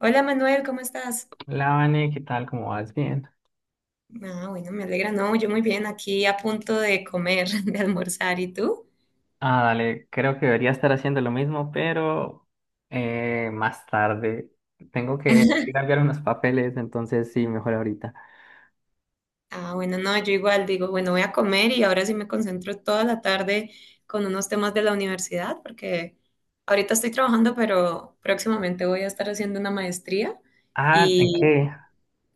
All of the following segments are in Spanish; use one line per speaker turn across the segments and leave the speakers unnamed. Hola Manuel, ¿cómo estás?
Hola, Vane, ¿qué tal? ¿Cómo vas? Bien.
Ah, bueno, me alegra. No, yo muy bien, aquí a punto de comer, de almorzar. ¿Y tú?
Ah, dale, creo que debería estar haciendo lo mismo, pero más tarde. Tengo que ir a enviar unos papeles, entonces sí, mejor ahorita.
Ah, bueno, no, yo igual digo, bueno, voy a comer y ahora sí me concentro toda la tarde con unos temas de la universidad, porque ahorita estoy trabajando, pero próximamente voy a estar haciendo una maestría
Ah, ¿en
y
qué?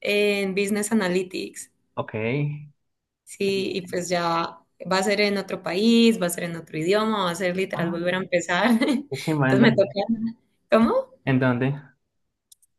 en Business Analytics.
Ok.
Sí, y pues ya va a ser en otro país, va a ser en otro idioma, va a ser literal
Ah,
volver a empezar.
qué chimba, ¿en
Entonces me
dónde?
toca. ¿Cómo?
¿En dónde?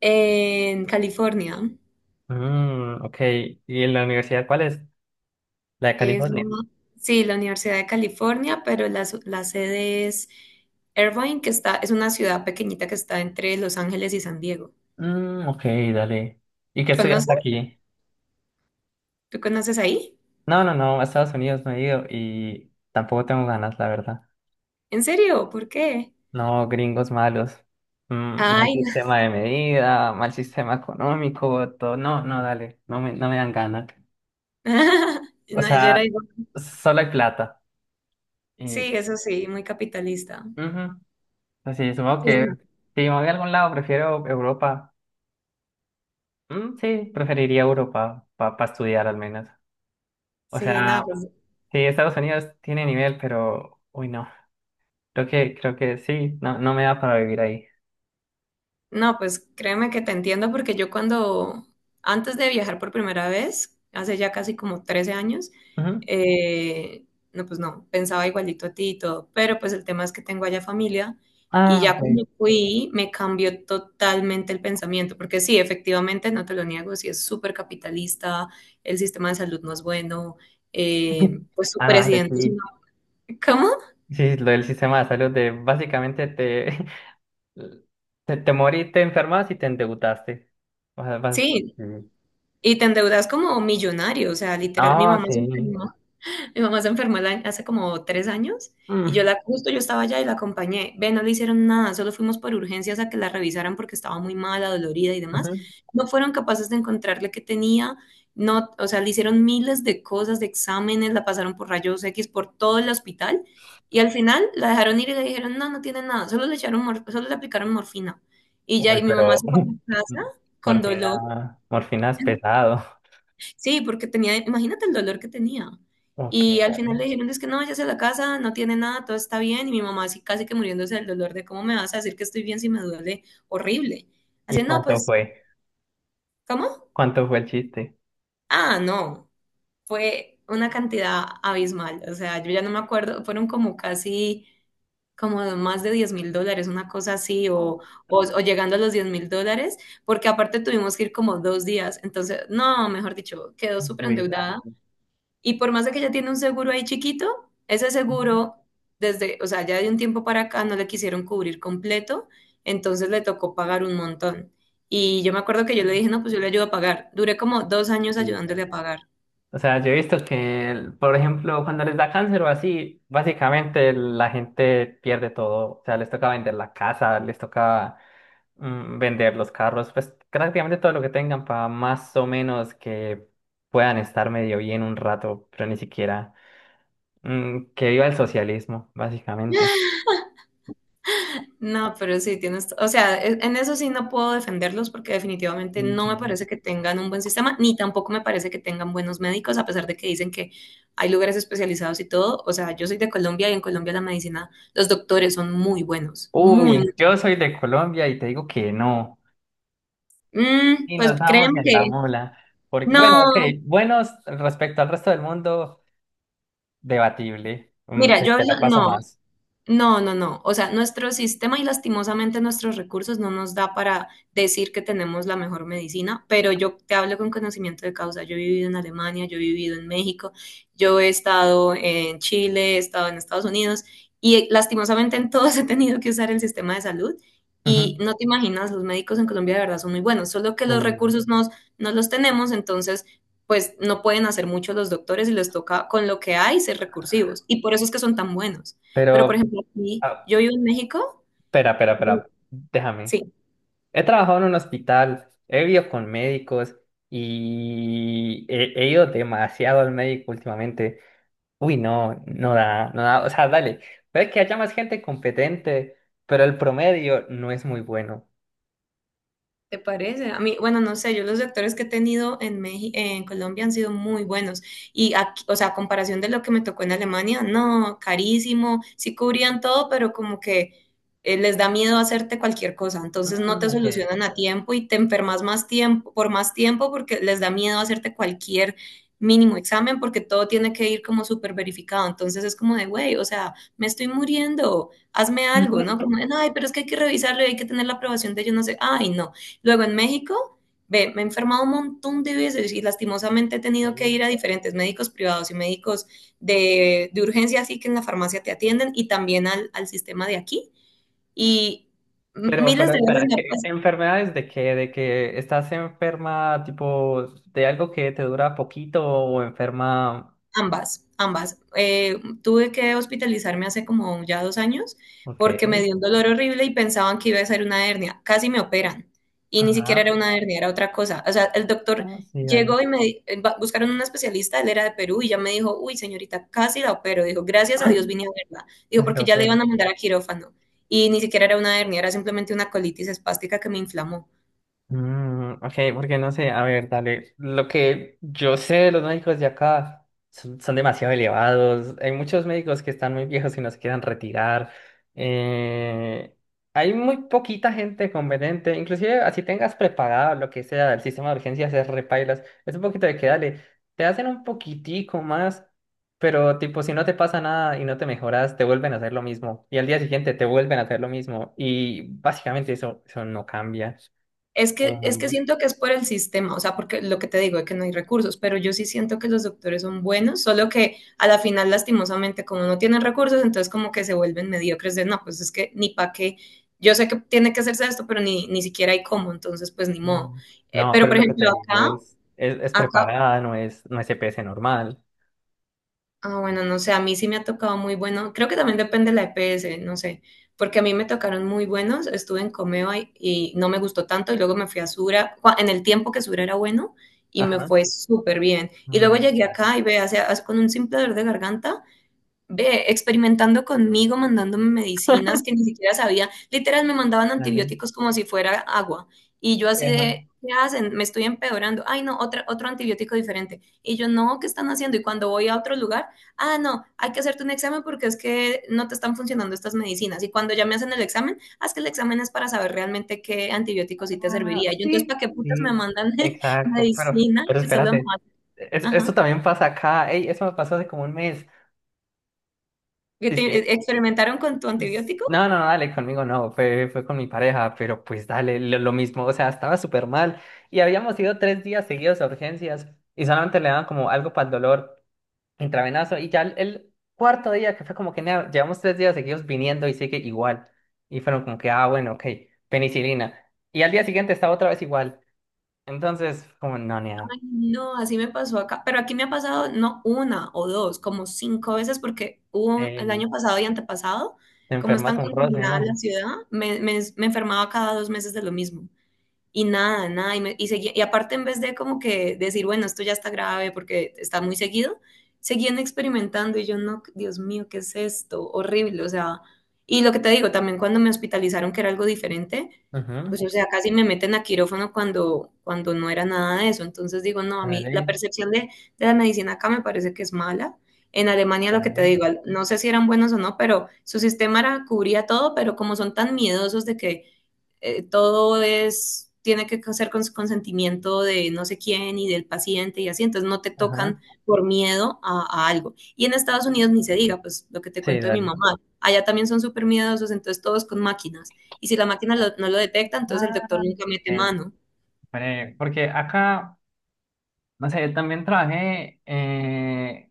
En California.
Mm, ok. ¿Y en la universidad cuál es? La de
Es la,
California.
sí, la Universidad de California, pero la, la sede es Irvine, que está, es una ciudad pequeñita que está entre Los Ángeles y San Diego.
Mm, ok, dale. ¿Y qué estudiaste
¿Conoces?
aquí?
¿Tú conoces ahí?
No, no, no, a Estados Unidos no he ido y tampoco tengo ganas, la verdad.
¿En serio? ¿Por qué?
No, gringos malos. Mm, mal
Ay, no.
sistema de medida, mal sistema económico, todo. No, no, dale, no me dan ganas. O
No, yo era
sea,
igual.
solo hay plata.
Sí,
Y,
eso sí, muy capitalista.
ujú, así sí, supongo
Sí,
que
no.
si me voy a algún lado, prefiero Europa. Mm, sí, preferiría Europa para estudiar al menos. O
Sí,
sea,
no, pues.
sí, Estados Unidos tiene nivel, pero, uy, no. Creo que sí, no, no me da para vivir ahí.
No, pues créeme que te entiendo porque yo cuando, antes de viajar por primera vez, hace ya casi como 13 años,
Ujú.
eh, no, pues no, pensaba igualito a ti y todo, pero pues el tema es que tengo allá familia y
Ah,
ya
ok.
cuando fui me cambió totalmente el pensamiento, porque sí, efectivamente, no te lo niego, sí es súper capitalista, el sistema de salud no es bueno, pues su
Ah, dale,
presidente es una...
sí.
¿Cómo?
Sí, lo del sistema de salud de te morís, te enfermas y te endeudaste. O sea, vas-
Sí,
Sí.
y te endeudas como millonario, o sea, literal, mi
Ah,
mamá se
sí.
enfermó. Mi mamá se enfermó hace como 3 años y yo
Mm,
la, justo yo estaba allá y la acompañé. Ve, no le hicieron nada, solo fuimos por urgencias a que la revisaran porque estaba muy mala, dolorida y demás.
ujú.
No fueron capaces de encontrarle qué tenía, no, o sea, le hicieron miles de cosas, de exámenes, la pasaron por rayos X por todo el hospital y al final la dejaron ir y le dijeron, no, no tiene nada, solo le echaron, solo le aplicaron morfina. Y ya,
Uy,
y mi mamá
pero
se fue a la casa con dolor.
morfina es pesado.
Sí, porque tenía, imagínate el dolor que tenía.
Ok.
Y al final le dijeron, es que no, vayas a la casa, no tiene nada, todo está bien. Y mi mamá así casi que muriéndose del dolor de, ¿cómo me vas a decir que estoy bien si me duele horrible?
¿Y
Así, no,
cuánto
pues,
fue?
¿cómo?
¿Cuánto fue el chiste?
Ah, no, fue una cantidad abismal. O sea, yo ya no me acuerdo, fueron como casi, como más de 10.000 dólares, una cosa así,
Oh.
o llegando a los 10.000 dólares, porque aparte tuvimos que ir como 2 días. Entonces, no, mejor dicho, quedó súper
Uy, va.
endeudada. Y por más de que ella tiene un seguro ahí chiquito, ese seguro, desde, o sea, ya de un tiempo para acá no le quisieron cubrir completo, entonces le tocó pagar un montón. Y yo me acuerdo que yo le dije, no, pues yo le ayudo a pagar. Duré como 2 años
Sí,
ayudándole
va.
a pagar.
O sea, yo he visto que, el- por ejemplo, cuando les da cáncer o así, básicamente la gente pierde todo. O sea, les toca vender la casa, les toca vender los carros, pues prácticamente todo lo que tengan para más o menos que puedan estar medio bien un rato, pero ni siquiera que viva el socialismo, básicamente.
No, pero sí, tienes, o sea, en eso sí no puedo defenderlos porque definitivamente no me
Ujú.
parece que tengan un buen sistema, ni tampoco me parece que tengan buenos médicos, a pesar de que dicen que hay lugares especializados y todo. O sea, yo soy de Colombia y en Colombia la medicina, los doctores son muy buenos, muy,
Uy,
muy.
yo soy de Colombia y te digo que no.
Mm.
Y
Pues
nos vamos
créeme
en la
que
mula. Porque, bueno,
no,
ok, buenos respecto al resto del mundo, debatible. Mm,
mira,
Te, te la paso
no.
más.
No, no, no. O sea, nuestro sistema y lastimosamente nuestros recursos no nos da para decir que tenemos la mejor medicina, pero yo te hablo con conocimiento de causa. Yo he vivido en Alemania, yo he vivido en México, yo he estado en Chile, he estado en Estados Unidos y lastimosamente en todos he tenido que usar el sistema de salud y
Ujú.
no te imaginas, los médicos en Colombia de verdad son muy buenos, solo que los
Uy,
recursos no, no los tenemos, entonces pues no pueden hacer mucho los doctores y les toca con lo que hay ser recursivos y por eso es que son tan buenos. Pero,
pero,
por ejemplo, aquí,
ah,
yo vivo en México,
espera. Déjame.
sí.
He trabajado en un hospital, he vivido con médicos y he ido demasiado al médico últimamente. Uy, no da, no da, o sea, dale, puede que haya más gente competente, pero el promedio no es muy bueno.
¿Te parece? A mí, bueno, no sé, yo los actores que he tenido en México, en Colombia han sido muy buenos. Y aquí, o sea, a comparación de lo que me tocó en Alemania, no, carísimo, sí cubrían todo, pero como que les da miedo hacerte cualquier cosa. Entonces no
Mm,
te
ok.
solucionan a tiempo y te enfermas más tiempo, por más tiempo porque les da miedo hacerte cualquier mínimo examen porque todo tiene que ir como súper verificado. Entonces es como de, güey, o sea, me estoy muriendo, hazme algo, ¿no? Como, de, ay, pero es que hay que revisarlo y hay que tener la aprobación de yo no sé, ay, no. Luego en México, ve, me he enfermado un montón de veces y lastimosamente he tenido que
Ok.
ir a diferentes médicos privados y médicos de urgencia, así que en la farmacia te atienden y también al sistema de aquí. Y miles de veces
Espera,
me ha
¿qué
pasado.
enfermedades de qué? ¿De que estás enferma, tipo, de algo que te dura poquito o enferma?
Ambas, ambas. Tuve que hospitalizarme hace como ya 2 años
Ok.
porque me dio un dolor horrible y pensaban que iba a ser una hernia. Casi me operan y ni siquiera
Ajá.
era una hernia, era otra cosa. O sea, el doctor
Ah, sí, dale.
llegó y buscaron un especialista, él era de Perú y ya me dijo, uy, señorita, casi la opero. Dijo, gracias a Dios vine a verla.
Que
Dijo,
se te
porque ya le
opere.
iban a mandar a quirófano y ni siquiera era una hernia, era simplemente una colitis espástica que me inflamó.
Mm, ok, porque no sé, a ver, dale. Lo que yo sé de los médicos de acá son, son demasiado elevados. Hay muchos médicos que están muy viejos y no se quieren retirar. Eh, hay muy poquita gente competente. Inclusive, así tengas prepagado lo que sea del sistema de urgencias, es repailas. Es un poquito de que dale. Te hacen un poquitico más, pero tipo, si no te pasa nada y no te mejoras, te vuelven a hacer lo mismo. Y al día siguiente te vuelven a hacer lo mismo. Y básicamente eso, eso no cambia.
Es que
Eh,
siento que es por el sistema, o sea, porque lo que te digo es que no hay recursos, pero yo sí siento que los doctores son buenos, solo que a la final, lastimosamente, como no tienen recursos, entonces como que se vuelven mediocres de, no, pues es que ni pa' qué, yo sé que tiene que hacerse esto, pero ni siquiera hay cómo, entonces pues ni modo.
mm, no,
Pero
pero
por
lo que
ejemplo,
te digo es, es
acá.
preparada, no es, no es EPS normal.
Ah, bueno, no sé, a mí sí me ha tocado muy bueno. Creo que también depende de la EPS, no sé, porque a mí me tocaron muy buenos. Estuve en Comeva y, no me gustó tanto y luego me fui a Sura, en el tiempo que Sura era bueno y me
Ajá.
fue súper bien. Y luego
Mm,
llegué acá y ve, con un simple dolor de garganta ve, experimentando conmigo, mandándome medicinas que ni siquiera sabía. Literal, me mandaban
dale.
antibióticos como si fuera agua. Y yo así
Eva.
de, ¿qué hacen? Me estoy empeorando. Ay, no, otro antibiótico diferente. Y yo, no, ¿qué están haciendo? Y cuando voy a otro lugar, ah, no, hay que hacerte un examen porque es que no te están funcionando estas medicinas. Y cuando ya me hacen el examen, ah, es que el examen es para saber realmente qué antibiótico sí te
Ah,
serviría. Y yo, entonces,
sí,
¿para qué putas
sí,
me mandan
exacto.
medicina?
Pero
Que solo me.
espérate. Es-
Ajá.
esto también pasa acá. Ey, eso me pasó hace como un mes.
¿Que
Dice
te-
que,
experimentaron con tu
s-
antibiótico?
no, no, no, dale, conmigo no. Fue con mi pareja, pero pues dale, lo mismo. O sea, estaba súper mal. Y habíamos ido tres días seguidos a urgencias y solamente le daban como algo para el dolor. Intravenoso. Y ya el cuarto día, que fue como que nea, llevamos tres días seguidos viniendo y sigue igual. Y fueron como que, ah, bueno, ok, penicilina. Y al día siguiente estaba otra vez igual. Entonces, como, no, nea,
Ay, no, así me pasó acá, pero aquí me ha pasado no una o dos, como 5 veces, porque hubo el
ey,
año pasado y antepasado,
te
como es
enfermas
tan
un roce,
contaminada la
¿no?
ciudad, me enfermaba cada 2 meses de lo mismo y nada, nada, y aparte en vez de como que decir, bueno, esto ya está grave porque está muy seguido, seguían experimentando y yo no, Dios mío, ¿qué es esto? Horrible, o sea, y lo que te digo, también cuando me hospitalizaron que era algo diferente,
Ujú,
pues o sea, casi me meten a quirófano cuando no era nada de eso, entonces digo, no, a mí la
dale,
percepción de, la medicina acá me parece que es mala. En Alemania, lo que te
dale.
digo, no sé si eran buenos o no, pero su sistema era, cubría todo, pero como son tan miedosos de que todo es, tiene que ser con consentimiento de no sé quién y del paciente y así, entonces no te
Ajá.
tocan por miedo a algo. Y en Estados Unidos ni se diga, pues lo que te
Sí,
cuento de mi
dale.
mamá, allá también son súper miedosos, entonces todos con máquinas. Y si la máquina no lo detecta, entonces el doctor
Ah,
nunca mete
ey,
mano.
hombre, porque acá. No sé, también trabajé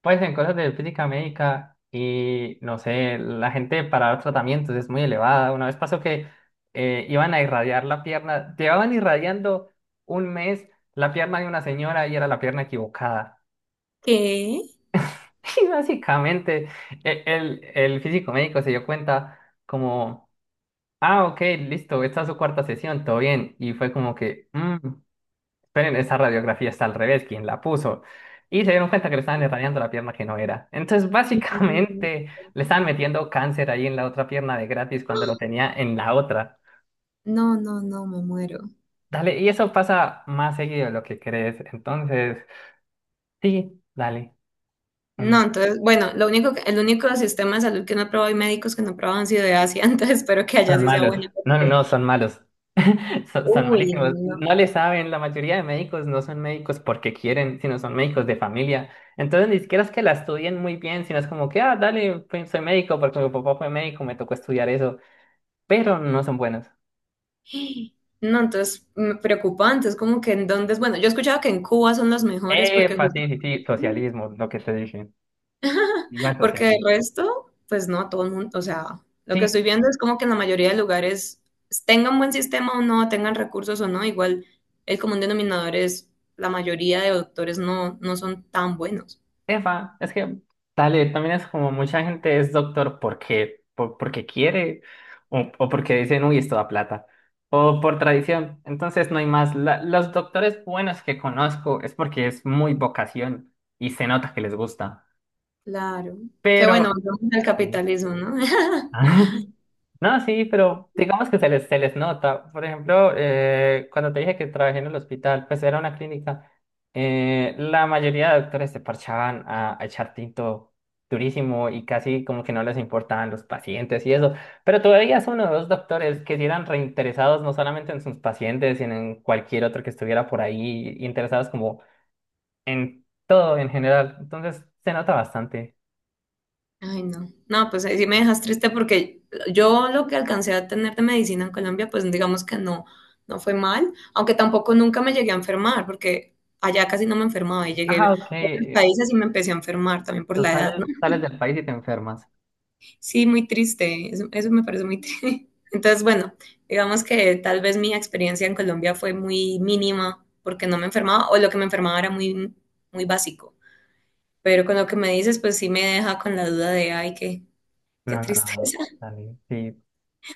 pues en cosas de física médica y no sé, la gente para los tratamientos es muy elevada. Una vez pasó que iban a irradiar la pierna, llevaban irradiando un mes la pierna de una señora y era la pierna equivocada.
¿Qué?
Y básicamente el físico médico se dio cuenta como, ah, ok, listo, esta es su cuarta sesión, todo bien. Y fue como que, "Mm". Pero esa radiografía está al revés, quien la puso. Y se dieron cuenta que le estaban irradiando la pierna que no era. Entonces,
Mm.
básicamente, le estaban metiendo cáncer ahí en la otra pierna de gratis cuando lo tenía en la otra.
No, no, no, me muero.
Dale, y eso pasa más seguido de lo que crees. Entonces, sí, dale. Mm,
No, entonces, bueno, lo único el único sistema de salud que no he probado y médicos que no he probado han sido de Asia, entonces espero que allá
son
sí sea
malos.
buena,
No, no,
porque,
no, son malos. Son
uy, no.
malísimos.
No.
No le saben, la mayoría de médicos no son médicos porque quieren, sino son médicos de familia. Entonces ni siquiera es que la estudien muy bien, sino es como que, ah, dale, pues, soy médico porque mi papá fue médico, me tocó estudiar eso, pero no son buenos.
No, entonces preocupante, es como que en dónde, bueno, yo he escuchado que en Cuba son los mejores porque
Epa,
justo,
sí, sí, sí, socialismo, lo que te dije. Igual
porque el
socialismo.
resto, pues no, todo el mundo, o sea, lo que
Sí,
estoy viendo es como que en la mayoría de lugares tengan buen sistema o no, tengan recursos o no, igual el común denominador es la mayoría de doctores no, no son tan buenos.
epa, es que, dale, también es como mucha gente es doctor porque, por- porque quiere o porque dicen, uy, esto da plata, o por tradición. Entonces no hay más. La- los doctores buenos que conozco es porque es muy vocación y se nota que les gusta.
Claro. Qué bueno,
Pero,
volvemos al capitalismo, ¿no?
mm. No, sí, pero digamos que se les nota. Por ejemplo, cuando te dije que trabajé en el hospital, pues era una clínica. La mayoría de doctores se parchaban a echar tinto durísimo y casi como que no les importaban los pacientes y eso. Pero todavía son uno o dos doctores que sí eran reinteresados no solamente en sus pacientes, sino en cualquier otro que estuviera por ahí, interesados como en todo en general. Entonces se nota bastante.
Ay, no. No, pues ahí sí me dejas triste porque yo lo que alcancé a tener de medicina en Colombia, pues digamos que no, no fue mal, aunque tampoco nunca me llegué a enfermar, porque allá casi no me enfermaba y llegué a
Ajá, ok.
otros países y me empecé a enfermar también por la edad, ¿no?
Sales del país y te enfermas.
Sí, muy triste, eso me parece muy triste. Entonces, bueno, digamos que tal vez mi experiencia en Colombia fue muy mínima porque no me enfermaba o lo que me enfermaba era muy, muy básico. Pero con lo que me dices, pues sí me deja con la duda de, ay, qué,
No, no,
tristeza.
no, dale, sí.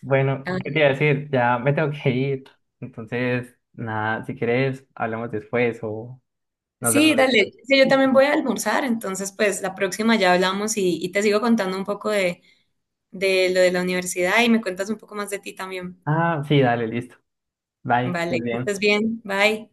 Bueno, ¿qué te iba a decir? Ya me tengo que ir. Entonces, nada, si quieres, hablamos después o nos
Sí,
vemos
dale.
después.
Sí, yo también
Listo.
voy a almorzar, entonces pues la próxima ya hablamos y te sigo contando un poco de, lo de la universidad y me cuentas un poco más de ti también.
Ah, sí, dale, listo. Bye, pues
Vale, que
bien.
estés bien. Bye.